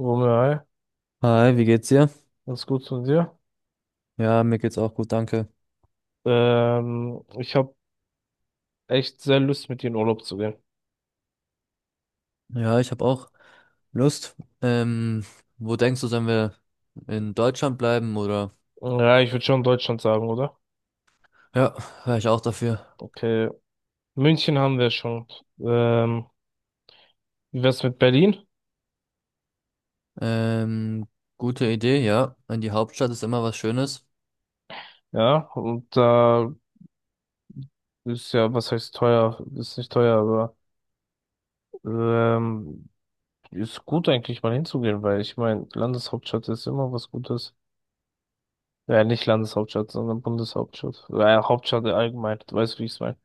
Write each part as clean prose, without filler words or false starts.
Romeo, hi. Hi, wie geht's dir? Ganz gut von dir. Ja, mir geht's auch gut, danke. Ich habe echt sehr Lust, mit dir in Urlaub zu gehen. Ja, ich habe auch Lust. Ähm, Wo denkst du, sollen wir in Deutschland bleiben oder? Ja, ich würde schon Deutschland sagen, oder? Ja, wäre ich auch dafür. Okay. München haben wir schon. Ähm, wie wär's mit Berlin? Ähm, Gute Idee, ja. In die Hauptstadt ist immer was Schönes. Ja, und da ist ja, was heißt teuer? Ist nicht teuer, aber ähm, ist gut eigentlich mal hinzugehen, weil ich meine, Landeshauptstadt ist immer was Gutes. Ja, nicht Landeshauptstadt, sondern Bundeshauptstadt. Ja, Hauptstadt allgemein. Du weißt, wie ich's meine.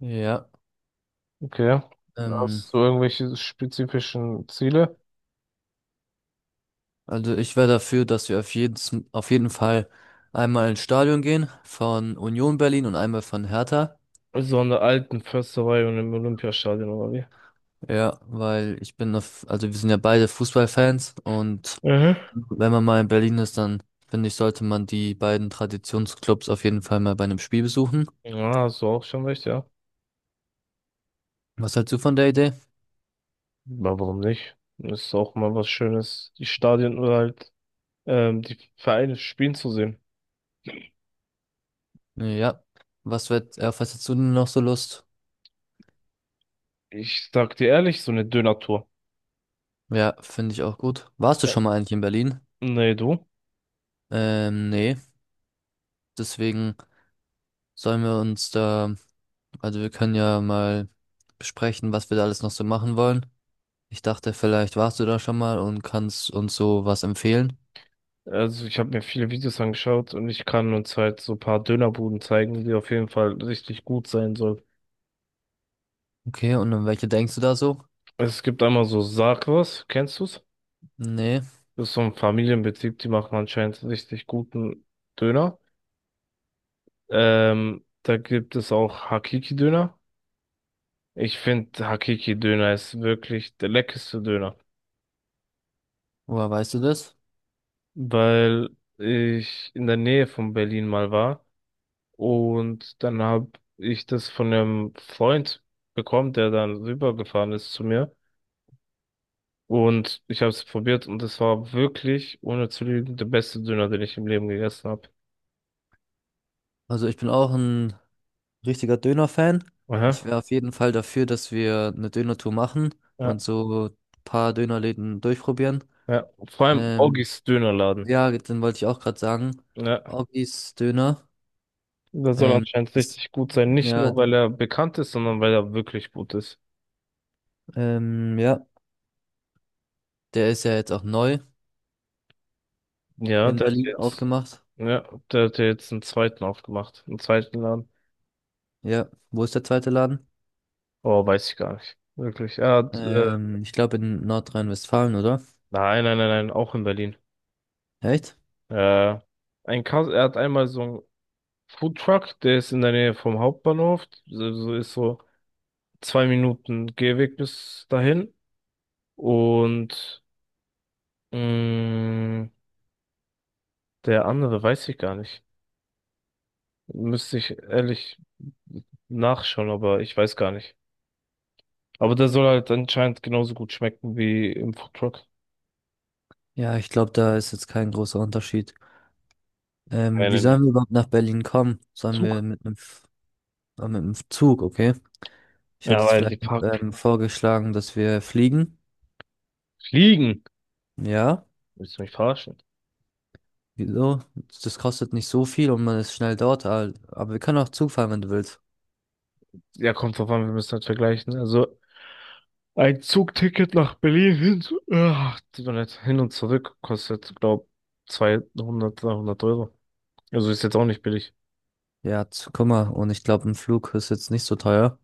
Ja. Okay. Ähm, Hast du irgendwelche spezifischen Ziele? also ich wäre dafür, dass wir auf jeden Fall einmal ins Stadion gehen von Union Berlin und einmal von Hertha. So an der alten Försterei und im Olympiastadion oder wie? Ja, weil ich bin auf, also wir sind ja beide Fußballfans und Mhm. wenn man mal in Berlin ist, dann finde ich, sollte man die beiden Traditionsclubs auf jeden Fall mal bei einem Spiel besuchen. Ja, hast du auch schon recht, ja. Was hältst du von der Idee? Aber warum nicht? Ist auch mal was Schönes, die Stadien oder halt die Vereine spielen zu sehen. Ja. Was wird, auf was hättest du denn noch so Lust? Ich sag dir ehrlich, so eine Döner-Tour. Ja, finde ich auch gut. Warst du Ja. schon mal eigentlich in Berlin? Nee, du? Nee. Deswegen sollen wir uns da, also wir können ja mal besprechen, was wir da alles noch so machen wollen. Ich dachte, vielleicht warst du da schon mal und kannst uns so was empfehlen. Also ich habe mir viele Videos angeschaut und ich kann uns halt so ein paar Dönerbuden zeigen, die auf jeden Fall richtig gut sein sollen. Okay, und an welche denkst du da so? Es gibt einmal so Sarkos, kennst du's? Nee. Das ist so ein Familienbetrieb, die machen anscheinend richtig guten Döner. Da gibt es auch Hakiki-Döner. Ich finde, Hakiki-Döner ist wirklich der leckerste Döner, Woher weißt du das? weil ich in der Nähe von Berlin mal war und dann habe ich das von einem Freund bekommen, der dann rübergefahren ist zu mir und ich habe es probiert und es war wirklich, ohne zu lügen, der beste Döner, den ich im Leben gegessen habe. Also ich bin auch ein richtiger Döner-Fan. Aha. Ich wäre auf jeden Fall dafür, dass wir eine Döner-Tour machen Ja, und so ein paar Dönerläden durchprobieren. ja. Vor allem Ähm, Augis Dönerladen. ja, dann wollte ich auch gerade sagen, Ja, Augis Döner, der soll ähm, anscheinend ist, richtig gut sein. Nicht ja, nur, weil er bekannt ist, sondern weil er wirklich gut ist. Ja, der ist ja jetzt auch neu Ja, in der hat Berlin jetzt, aufgemacht. ja, der hat jetzt einen zweiten aufgemacht. Einen zweiten Laden. Ja, wo ist der zweite Laden? Oh, weiß ich gar nicht. Wirklich. Er hat, Ich glaube in Nordrhein-Westfalen, oder? nein, nein, nein, nein, auch in Berlin. Echt? Äh, ein Kas er hat einmal so einen Foodtruck, der ist in der Nähe vom Hauptbahnhof. So ist so 2 Minuten Gehweg bis dahin. Und, mh, der andere weiß ich gar nicht. Müsste ich ehrlich nachschauen, aber ich weiß gar nicht. Aber der soll halt anscheinend genauso gut schmecken wie im Foodtruck. Ja, ich glaube, da ist jetzt kein großer Unterschied. Nee, Wie nee, nee. sollen wir überhaupt nach Berlin kommen? Sollen wir Zug? mit einem... Ah, mit dem Zug, okay. Ich hätte Ja, jetzt weil die vielleicht Park vorgeschlagen, dass wir fliegen. fliegen. Ja, Willst du mich verarschen? wieso? Das kostet nicht so viel und man ist schnell dort. Aber wir können auch Zug fahren, wenn du willst. Ja, kommt drauf an, wir müssen halt vergleichen. Also, ein Zugticket nach Berlin hin, ach, tut mir leid, hin und zurück kostet, glaub, 200, 300 Euro. Also ist jetzt auch nicht billig. Ja, guck mal. Und ich glaube, ein Flug ist jetzt nicht so teuer.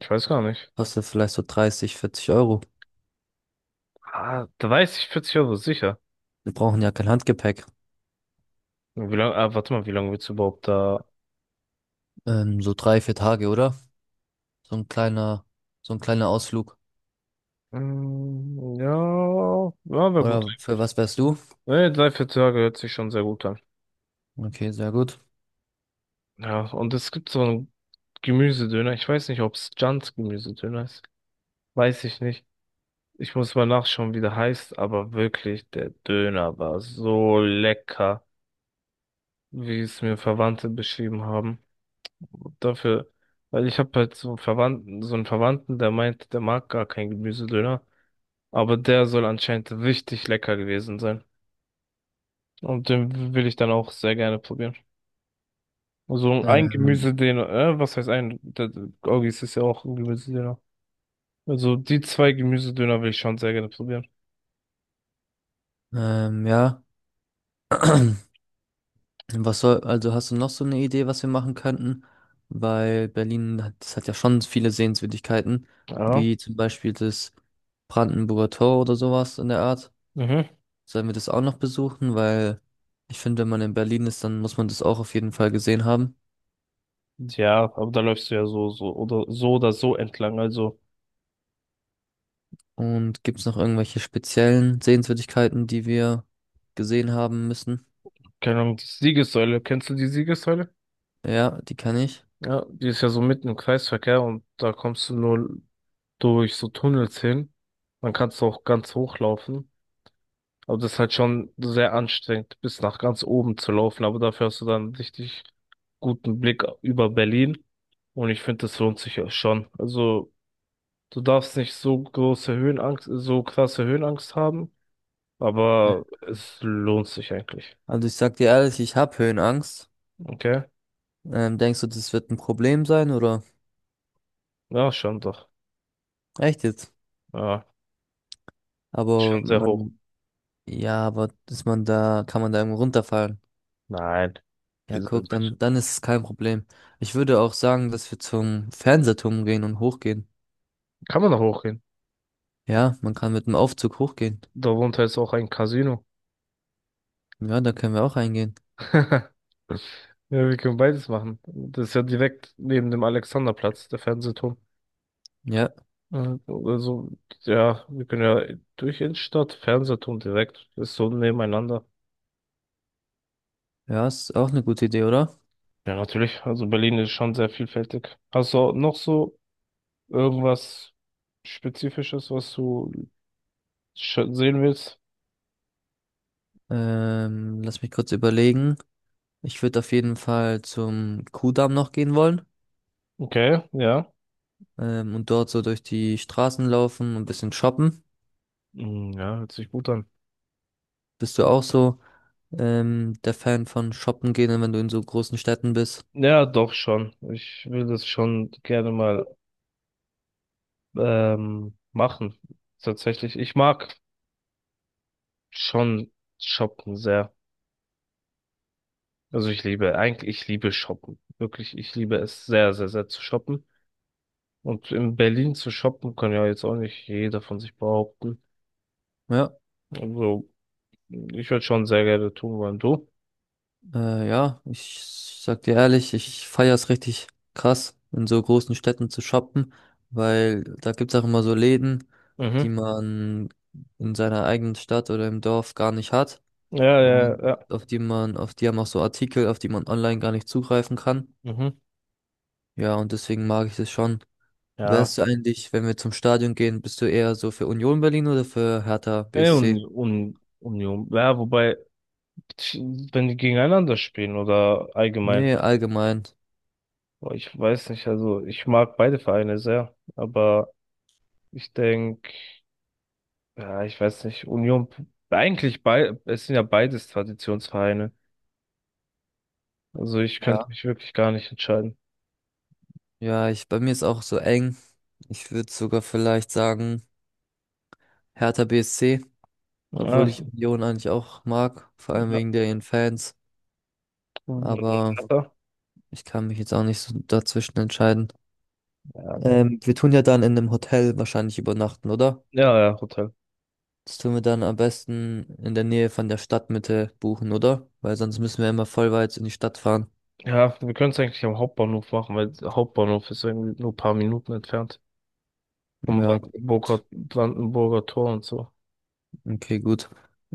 Ich weiß gar nicht. Kostet vielleicht so dreißig, vierzig Euro. Ah, da weiß ich 40 Euro sicher. Wir brauchen ja kein Handgepäck. Wie lange, warte mal, wie lange willst du überhaupt da. So drei, vier Tage, oder? So ein kleiner, so ein kleiner Ausflug. Ja, ja, wäre gut Oder für eigentlich. was wärst du? Ne, 3, 4 Tage hört sich schon sehr gut an. Okay, sehr gut. Ja, und es gibt so einen Gemüsedöner. Ich weiß nicht, ob es Jans Gemüsedöner ist. Weiß ich nicht. Ich muss mal nachschauen, wie der heißt, aber wirklich, der Döner war so lecker, wie es mir Verwandte beschrieben haben. Dafür, weil ich habe halt so einen Verwandten, der meint, der mag gar keinen Gemüsedöner, aber der soll anscheinend richtig lecker gewesen sein. Und den will ich dann auch sehr gerne probieren. Also ein Ähm, Gemüsedöner, was heißt ein? Der Gorgis ist ja auch ein Gemüsedöner. Also die zwei Gemüsedöner will ich schon sehr gerne probieren. Ja. Was soll, also hast du noch so eine Idee, was wir machen könnten? Weil Berlin hat, das hat ja schon viele Sehenswürdigkeiten, Ja. wie zum Beispiel das Brandenburger Tor oder sowas in der Art. Mhm. Sollen wir das auch noch besuchen? Weil ich finde, wenn man in Berlin ist, dann muss man das auch auf jeden Fall gesehen haben. Ja, aber da läufst du ja so, so oder so oder so entlang. Also, Und gibt es noch irgendwelche speziellen Sehenswürdigkeiten, die wir gesehen haben müssen? keine Ahnung, die Siegessäule. Kennst du die Siegessäule? Ja, die kann ich. Ja, die ist ja so mitten im Kreisverkehr und da kommst du nur durch so Tunnels hin. Dann kannst du auch ganz hochlaufen. Aber das ist halt schon sehr anstrengend, bis nach ganz oben zu laufen. Aber dafür hast du dann einen richtig guten Blick über Berlin. Und ich finde, das lohnt sich ja schon. Also, du darfst nicht so große Höhenangst, so krasse Höhenangst haben, Ja. aber es lohnt sich eigentlich. Also ich sag dir ehrlich, ich habe Höhenangst. Okay? Denkst du, das wird ein Problem sein oder? Ja, schon doch. Echt jetzt? Ja, schon Aber sehr hoch. man, ja, aber dass man da, kann man da irgendwo runterfallen. Nein, Ja, wir sind in guck, Deutschland. Dann ist es kein Problem. Ich würde auch sagen, dass wir zum Fernsehturm gehen und hochgehen. Kann man noch hochgehen. Ja, man kann mit dem Aufzug hochgehen. Darunter ist auch ein Casino. Ja, da können wir auch reingehen. Ja, wir können beides machen. Das ist ja direkt neben dem Alexanderplatz, der Fernsehturm. Ja, Äh, Also, ja, wir können ja durch Innenstadt, Fernsehturm direkt, ist so nebeneinander. ja, ist auch eine gute Idee, oder? Ja, natürlich. Also Berlin ist schon sehr vielfältig. Hast du noch so irgendwas Spezifisches, was du sehen willst? Lass mich kurz überlegen. Ich würde auf jeden Fall zum Kuhdamm noch gehen wollen. Okay, ja. Und dort so durch die Straßen laufen und ein bisschen shoppen. Hm, ja, hört sich gut an. Bist du auch so, der Fan von shoppen gehen, wenn du in so großen Städten bist? Ja, doch schon. Ich will das schon gerne mal machen. Tatsächlich. Ich mag schon shoppen sehr. Also ich liebe, eigentlich, ich liebe Shoppen. Wirklich, ich liebe es sehr, sehr, sehr zu shoppen. Und in Berlin zu shoppen kann ja jetzt auch nicht jeder von sich behaupten. Ja, Also, ich würde schon sehr gerne tun wollen. Du? Ja, ich sag dir ehrlich, ich feiere es richtig krass, in so großen Städten zu shoppen, weil da gibt's auch immer so Läden, die Mhm. man in seiner eigenen Stadt oder im Dorf gar nicht hat Ja, ja, und ja. Auf die haben auch so Artikel, auf die man online gar nicht zugreifen kann. Mhm. Ja, und deswegen mag ich das schon. Ja. Wärst du eigentlich, wenn wir zum Stadion gehen, bist du eher so für Union Berlin oder für Hertha Ey, BSC? und Union. Ja, wobei, wenn die gegeneinander spielen oder allgemein. Nee, allgemein. Boah, ich weiß nicht, also ich mag beide Vereine sehr, aber ich denke, ja, ich weiß nicht, Union, eigentlich bei, es sind ja beides Traditionsvereine. Also ich könnte Ja mich wirklich gar nicht entscheiden. Ja, ich, bei mir ist auch so eng. Ich würde sogar vielleicht sagen, Hertha BSC, Ja, obwohl ich Union eigentlich auch mag, vor allem ja, wegen der ihren Fans. Aber ja, ich kann mich jetzt auch nicht so dazwischen entscheiden. nee. Wir tun ja dann in einem Hotel wahrscheinlich übernachten, oder? Ja, ja, Hotel. Das tun wir dann am besten in der Nähe von der Stadtmitte buchen, oder? Weil sonst müssen wir immer voll weit in die Stadt fahren. Ja, wir können es eigentlich am Hauptbahnhof machen, weil der Hauptbahnhof ist irgendwie nur ein paar Minuten entfernt. Vom Ja, Brandenburger, gut. Brandenburger Tor und so. Okay, gut.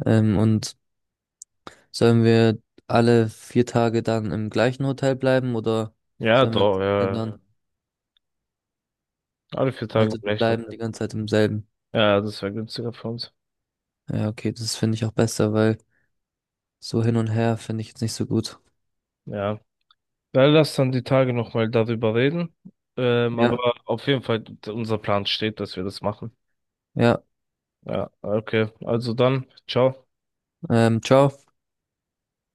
Ähm, und Sollen wir alle vier Tage dann im gleichen Hotel bleiben oder Ja, sollen wir doch, das ja. Ja. ändern? Alle 4 Tage im Also wir gleichen bleiben die Hotel. ganze Zeit im selben. Ja, das wäre günstiger für uns. Ja, okay, das finde ich auch besser, weil so hin und her finde ich jetzt nicht so gut. Ja. Dann lass dann die Tage nochmal darüber reden. Aber Ja, auf jeden Fall, unser Plan steht, dass wir das machen. ja, Ja, okay. Also dann, ciao. Ciao.